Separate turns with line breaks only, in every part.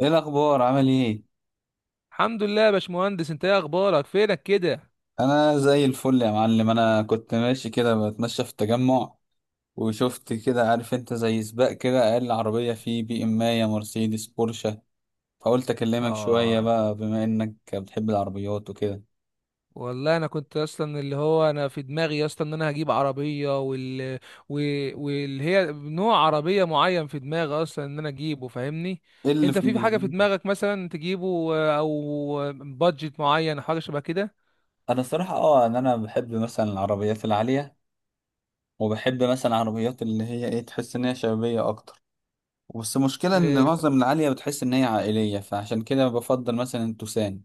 ايه الاخبار، عامل ايه؟
الحمد لله يا باشمهندس، انت ايه اخبارك؟ فينك كده؟
انا زي الفل يا معلم. انا كنت ماشي كده بتمشى في التجمع، وشفت كده، عارف انت، زي سباق كده، اقل عربيه فيه بي ام، يا مرسيدس، بورشه. فقلت اكلمك شويه
اه.
بقى، بما انك بتحب العربيات وكده.
والله انا كنت اصلا اللي هو انا في دماغي اصلا ان انا هجيب عربيه واللي هي نوع عربيه معين في دماغي اصلا ان انا اجيبه، فاهمني؟
ايه اللي
انت
في
في حاجه في
دماغك؟
دماغك مثلا تجيبه، او بادجت معين حاجه شبه كده؟
انا الصراحه ان انا بحب مثلا العربيات العاليه، وبحب مثلا العربيات اللي هي ايه، تحس ان هي شبابيه اكتر. بس المشكلة إن
اه.
معظم العالية بتحس إن هي عائلية، فعشان كده بفضل مثلا التوسان.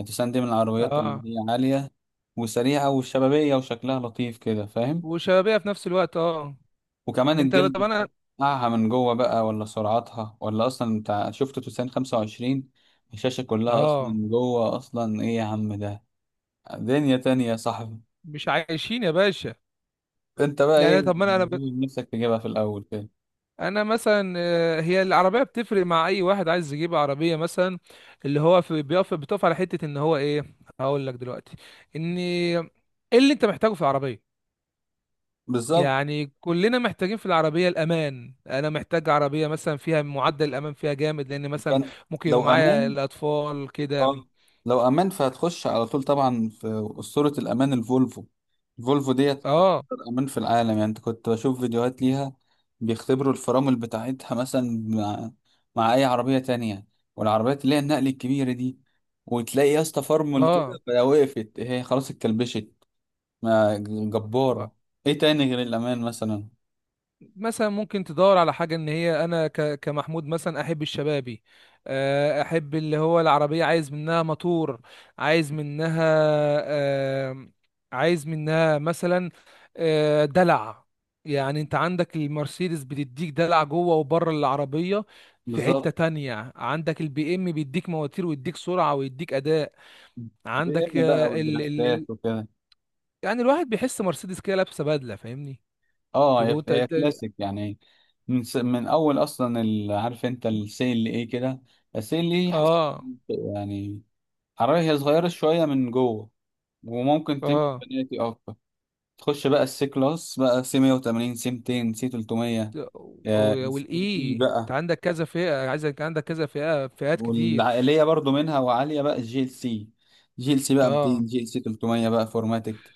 التوسان دي من العربيات
اه،
اللي هي عالية وسريعة وشبابية وشكلها لطيف كده، فاهم.
وشبابيه في نفس الوقت، اه.
وكمان
انت طب
الجلد
انا.
بتاعها من جوه بقى، ولا سرعتها، ولا أصلا بتاع. شفت توسان 25؟ الشاشة كلها أصلا
اه.
من جوه، أصلا إيه يا عم ده! دنيا تانية يا صاحبي.
مش عايشين يا باشا.
أنت بقى إيه،
يعني طب ما انا.
نفسك تجيبها في الأول كده؟
انا مثلا، هي العربيه بتفرق مع اي واحد عايز يجيب عربيه. مثلا اللي هو في بتقف على حته ان هو ايه. هقول لك دلوقتي ان ايه اللي انت محتاجه في العربيه.
بالظبط.
يعني كلنا محتاجين في العربيه الامان. انا محتاج عربيه مثلا فيها معدل الامان فيها جامد، لان مثلا
كان
ممكن يبقى
لو
معايا
أمان.
الاطفال كده.
اه. لو امان فهتخش على طول، طبعا. في اسطوره الامان، الفولفو. الفولفو ديت اكتر
اه.
امان في العالم. يعني انت كنت بشوف فيديوهات ليها، بيختبروا الفرامل بتاعتها مثلا مع اي عربيه تانية، والعربيات اللي هي النقل الكبيره دي، وتلاقي يا اسطى فرمل كده،
اه.
فلو وقفت هي خلاص اتكلبشت. ما،
اه.
جباره. ايه تاني غير الامان مثلا؟
مثلا ممكن تدور على حاجة ان هي انا كمحمود مثلا احب الشبابي. احب اللي هو العربية، عايز منها موتور، عايز منها، آه، عايز منها مثلا، دلع. يعني انت عندك المرسيدس بتديك دلع جوه وبره العربية. في حتة
بالظبط.
تانية عندك البي ام بيديك مواتير ويديك سرعة ويديك اداء.
بي
عندك
ام بقى
آه، ال ال ال
والدريفتات وكده.
يعني الواحد بيحس مرسيدس كده لابسة بدلة، فاهمني؟
اه،
تبقى انت.
هي كلاسيك يعني. من اول اصلا ال... عارف انت السيل اللي ايه كده، السيل اللي إيه، حاسس
اه.
يعني. عربية هي صغيرة شوية من جوه، وممكن تمشي
اه.
بناتي اكتر. تخش بقى السي كلاس بقى، سي 180 سي 200 سي 300،
او
آه،
او
السي اي
الاي. انت
بقى.
عندك كذا فئه، عايزك عندك كذا فئه، فئات كتير.
والعائلية برضو منها، وعالية بقى الجي ال سي. جي ال سي بقى
اه.
200، جي ال سي 300 بقى فورماتيك،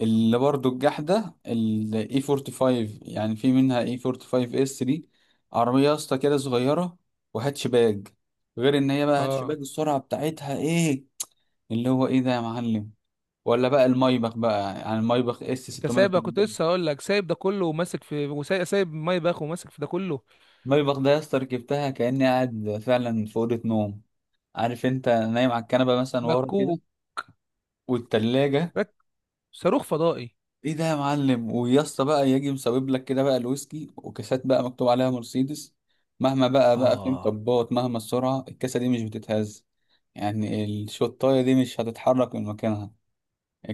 اللي برضو الجحدة ال E45. يعني في منها E45S3، عربية يا اسطى كده صغيرة وهاتشباج. غير ان هي بقى
اه.
هاتشباج، السرعة بتاعتها ايه، اللي هو ايه ده يا معلم! ولا بقى المايبخ بقى، يعني المايبخ
انت سايب؟ كنت
S680.
لسه هقول لك سايب ده كله وماسك في، وسايب ماي باخ وماسك في ده كله.
المايبخ ده يا اسطى ركبتها كأني قاعد فعلا في أوضة نوم، عارف انت، نايم على الكنبة مثلا ورا كده،
مكوك.
والتلاجة.
رك- صاروخ فضائي.
ايه ده يا معلم! ويا اسطى بقى يجي مسبب لك كده بقى الويسكي، وكاسات بقى مكتوب عليها مرسيدس. مهما بقى في
اه.
مطبات، مهما السرعه، الكاسه دي مش بتتهز. يعني الشطايه دي مش هتتحرك من مكانها.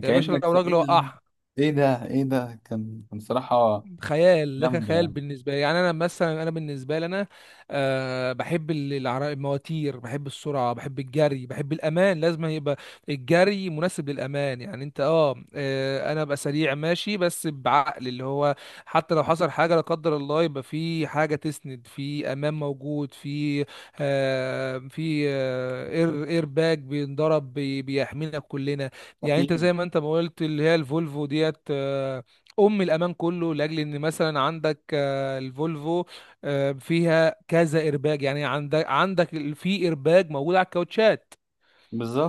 يا باشا
كانك
لو
في
راجل
ايه يا عم؟
وقعها.
ايه ده، ايه ده! كان صراحه.
خيال، ده كان
جامده
خيال
يعني.
بالنسبه لي. يعني انا مثلا، انا بالنسبه لي انا أه بحب المواتير، بحب السرعه، بحب الجري، بحب الامان. لازم يبقى الجري مناسب للامان. يعني انت، انا ابقى سريع ماشي بس بعقل، اللي هو حتى لو حصل حاجه لا قدر الله، يبقى في حاجه تسند، في امان موجود في في اير باج بينضرب، بيحمينا كلنا. يعني انت
اكيد.
زي ما انت ما قلت، اللي هي الفولفو ديت، ام الامان كله، لاجل ان مثلا عندك، الفولفو فيها كذا ايرباج. يعني عندك عندك في ايرباج موجود على الكاوتشات،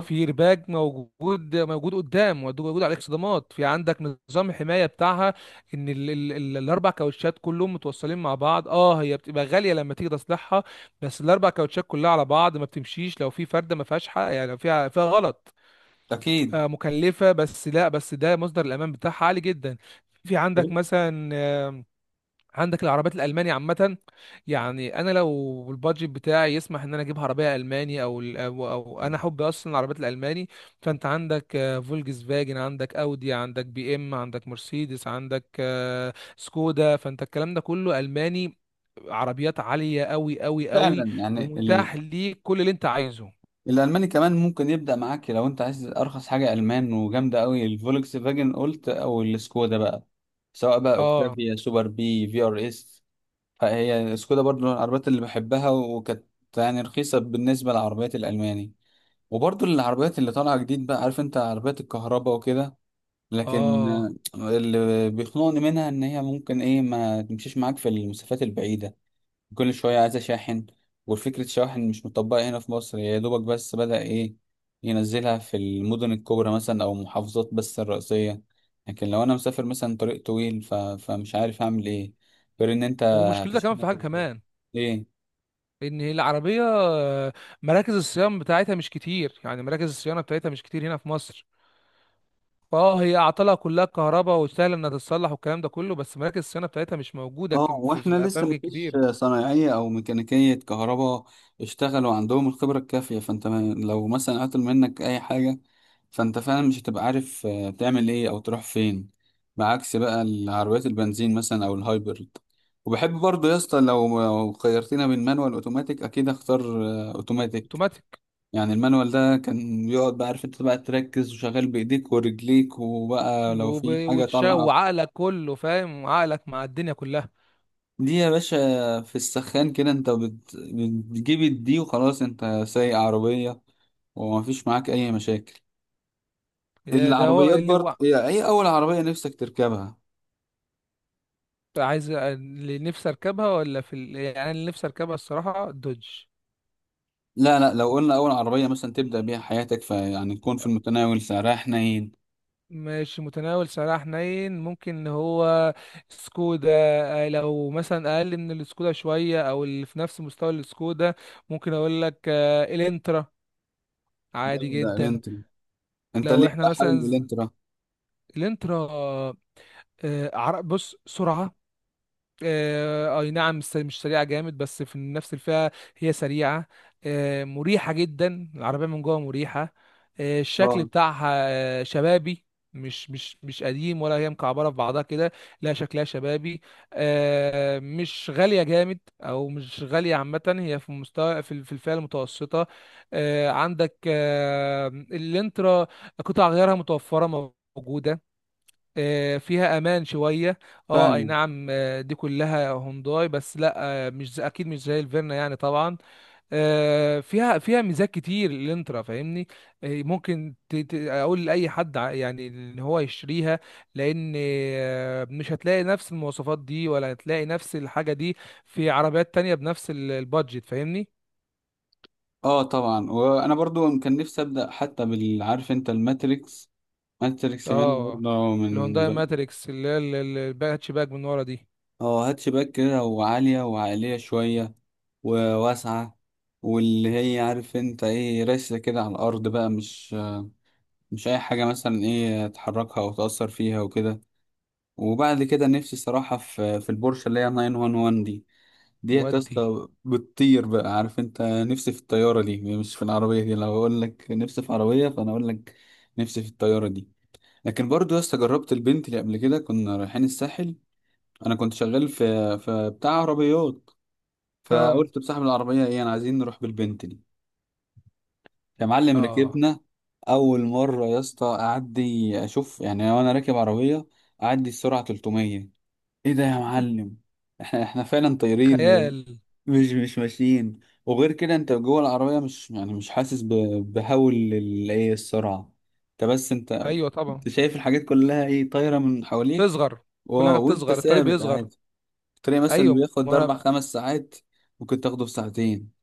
في ايرباج موجود قدام، موجود على الاكسدامات، في عندك نظام حمايه بتاعها ان ال ال ال الاربع كاوتشات كلهم متوصلين مع بعض. اه. هي بتبقى غاليه لما تيجي تصلحها، بس الاربع كاوتشات كلها على بعض ما بتمشيش لو في فرده ما فيهاش حق. يعني لو فيها غلط،
اكيد.
مكلفة، بس لا، بس ده مصدر الأمان بتاعها عالي جدا. في عندك مثلا عندك العربيات الألماني عامة. يعني أنا لو البادجت بتاعي يسمح إن أنا أجيب عربية ألماني أو أنا حب أصلا العربيات الألماني. فأنت عندك فولكس فاجن، عندك أودي، عندك بي إم، عندك مرسيدس، عندك سكودا. فأنت الكلام ده كله ألماني. عربيات عالية أوي أوي أوي.
فعلا يعني.
ومتاح ليك كل اللي أنت عايزه.
الالماني كمان ممكن يبدا معاك، لو انت عايز ارخص حاجه المان وجامده قوي، الفولكس فاجن قلت، او السكودا بقى، سواء بقى
اه.
اوكتافيا سوبر بي في ار اس. فهي سكودا برضو من العربيات اللي بحبها، وكانت يعني رخيصه بالنسبه للعربيات الالماني. وبرضو العربيات اللي طالعه جديد بقى، عارف انت، عربيات الكهرباء وكده. لكن
اه.
آه، اللي بيخنقني منها ان هي ممكن ايه ما تمشيش معاك في المسافات البعيده، كل شوية عايز أشاحن. والفكرة شواحن مش مطبقة هنا في مصر، يا دوبك بس بدأ إيه ينزلها في المدن الكبرى مثلا، أو المحافظات بس الرئيسية. لكن لو أنا مسافر مثلا طريق طويل، فمش عارف أعمل إيه، غير إن أنت
ومشكلتها كمان
هتشحنها
في
في
حاجة
البيت.
كمان،
إيه؟
ان العربيه مراكز الصيانه بتاعتها مش كتير. يعني مراكز الصيانه بتاعتها مش كتير هنا في مصر. اه، هي اعطالها كلها كهرباء وسهل انها تتصلح والكلام ده كله، بس مراكز الصيانه بتاعتها مش موجوده
اه،
في
واحنا
في
لسه
اماكن
مفيش
كتير.
صنايعية او ميكانيكية كهرباء اشتغلوا عندهم الخبرة الكافية. فانت لو مثلا عطل منك اي حاجة، فانت فعلا مش هتبقى عارف آه، تعمل ايه او تروح فين، بعكس بقى العربيات البنزين مثلا او الهايبرد. وبحب برضه يا اسطى، لو خيرتنا بين مانوال اوتوماتيك، اكيد اختار آه، اوتوماتيك.
اوتوماتيك.
يعني المانوال ده كان بيقعد بقى، عارف انت بقى تركز وشغال بايديك ورجليك، وبقى لو في حاجة طالعة.
وعقلك كله، فاهم؟ عقلك مع الدنيا كلها.
دي يا باشا، في السخان كده، انت بتجيب الدي وخلاص، انت سايق عربية ومفيش معاك اي مشاكل.
ده هو
العربيات
اللي
برضه
هو
هي، اي اول عربية نفسك تركبها؟
عايز. اللي نفسي اركبها ولا في ال... يعني اللي نفسي اركبها الصراحه دوج.
لا لا، لو قلنا اول عربية مثلا تبدأ بيها حياتك، فيعني تكون في المتناول، سعرها حنين.
ماشي، متناول سعرها حنين، ممكن ان هو سكودا. لو مثلا اقل من السكودا شويه، او اللي في نفس مستوى السكودا ممكن اقول لك الانترا. عادي
جامدة
جدا.
الانترا. انت
لو
ليه
احنا
بقى
مثلا،
حابب الانترا؟
الانترا، بص، سرعه اي نعم، مش سريعه جامد، بس في نفس الفئه هي سريعه. مريحه جدا، العربيه من جوه مريحه. الشكل
اه.
بتاعها شبابي. مش قديم، ولا هي مكعبره في بعضها كده. لا، شكلها شبابي. مش غاليه جامد، او مش غاليه عامه. هي في مستوى في في الفئه المتوسطه. عندك الانترا، قطع غيارها متوفره، موجوده. فيها امان شويه. اه، اي
فاهم.
نعم. دي كلها هونداي، بس لا، مش زي- اكيد مش زي الفيرنا، يعني طبعا. فيها ميزات كتير الانترا، فاهمني؟ ممكن اقول لاي حد، يعني ان هو يشتريها، لان مش هتلاقي نفس المواصفات دي ولا هتلاقي نفس الحاجه دي في عربيات تانية بنفس البادجت، فاهمني؟
اه طبعا، وانا برضو كان نفسي ابدأ، حتى بالعارف انت، الماتريكس. ماتريكس يعني
اه.
برضه من.
الهونداي ماتريكس اللي هي الهاتش باك من ورا دي.
اه، هاتشباك كده، وعالية، وعالية شوية، وواسعة. واللي هي عارف انت ايه، راسة كده على الأرض بقى، مش أي حاجة مثلا ايه تحركها أو تأثر فيها وكده. وبعد كده نفسي صراحة في البورشة اللي هي 911 دي. ديت يا
ودي.
اسطى بتطير بقى، عارف انت، نفسي في الطيارة دي مش في العربية دي. لو أقول لك نفسي في عربية، فأنا أقول لك نفسي في الطيارة دي. لكن برضو يا اسطى، جربت البنت اللي قبل كده كنا رايحين الساحل، أنا كنت شغال في بتاع عربيات،
اه.
فقلت بصاحب العربية: ايه، انا عايزين نروح بالبنتلي. يا معلم،
اه.
ركبنا اول مرة يا اسطى. اعدي اشوف يعني، وانا راكب عربية اعدي السرعة 300، ايه ده يا معلم! احنا فعلا طايرين،
خيال.
مش ماشيين. وغير كده انت جوه العربية مش يعني مش حاسس بهول ايه السرعة. انت بس انت،
ايوه طبعا.
انت شايف الحاجات كلها ايه، طايرة من حواليك.
بتصغر. كل حاجه
واو! وانت
بتصغر، الطريق
ثابت
بيصغر.
عادي. الطريق مثلا اللي
ايوه
بياخد
وانا.
اربع خمس ساعات ممكن تاخده في ساعتين.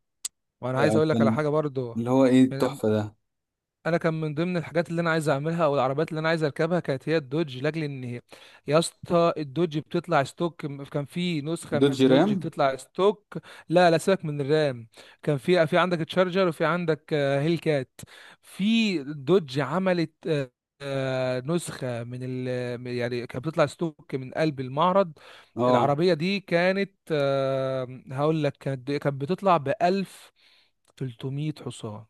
وانا عايز اقول لك على حاجه برضو.
اللي هو ايه التحفة ده!
انا كان من ضمن الحاجات اللي انا عايز اعملها، او العربيات اللي انا عايز اركبها كانت هي الدوج، لاجل ان هي يا اسطى الدوج بتطلع ستوك. كان في نسخه من
دوجي رام.
الدوج بتطلع ستوك. لا لا، سيبك من الرام. كان في عندك تشارجر، وفي عندك هيل كات. في دوج عملت نسخه من يعني كانت بتطلع ستوك من قلب المعرض.
اه.
العربيه دي كانت، هقول لك، كانت بتطلع ب 1300 حصان.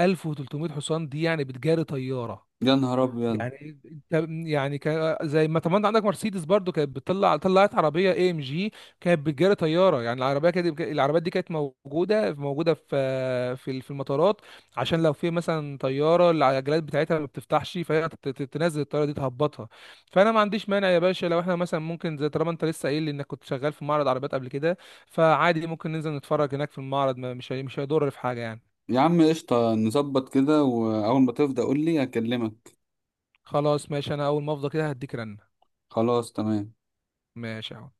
1300 حصان دي يعني بتجاري طياره.
يا نهار ابيض.
يعني انت، يعني كان زي ما طبعا انت عندك مرسيدس برضو كانت بتطلع، طلعت عربيه AMG كانت بتجاري طياره. يعني العربيه كانت، العربيات دي كانت موجوده في المطارات، عشان لو في مثلا طياره العجلات بتاعتها ما بتفتحش، فهي تنزل الطياره دي تهبطها. فانا ما عنديش مانع يا باشا، لو احنا مثلا ممكن، زي طالما انت لسه قايل لي انك كنت شغال في معرض عربيات قبل كده، فعادي ممكن ننزل نتفرج هناك في المعرض، مش هيضر في حاجه يعني.
يا عم قشطة، نظبط كده، واول ما تفضى قول لي اكلمك.
خلاص ماشي، انا اول ما افضى كده هديك رنة.
خلاص تمام.
ماشي يا حب.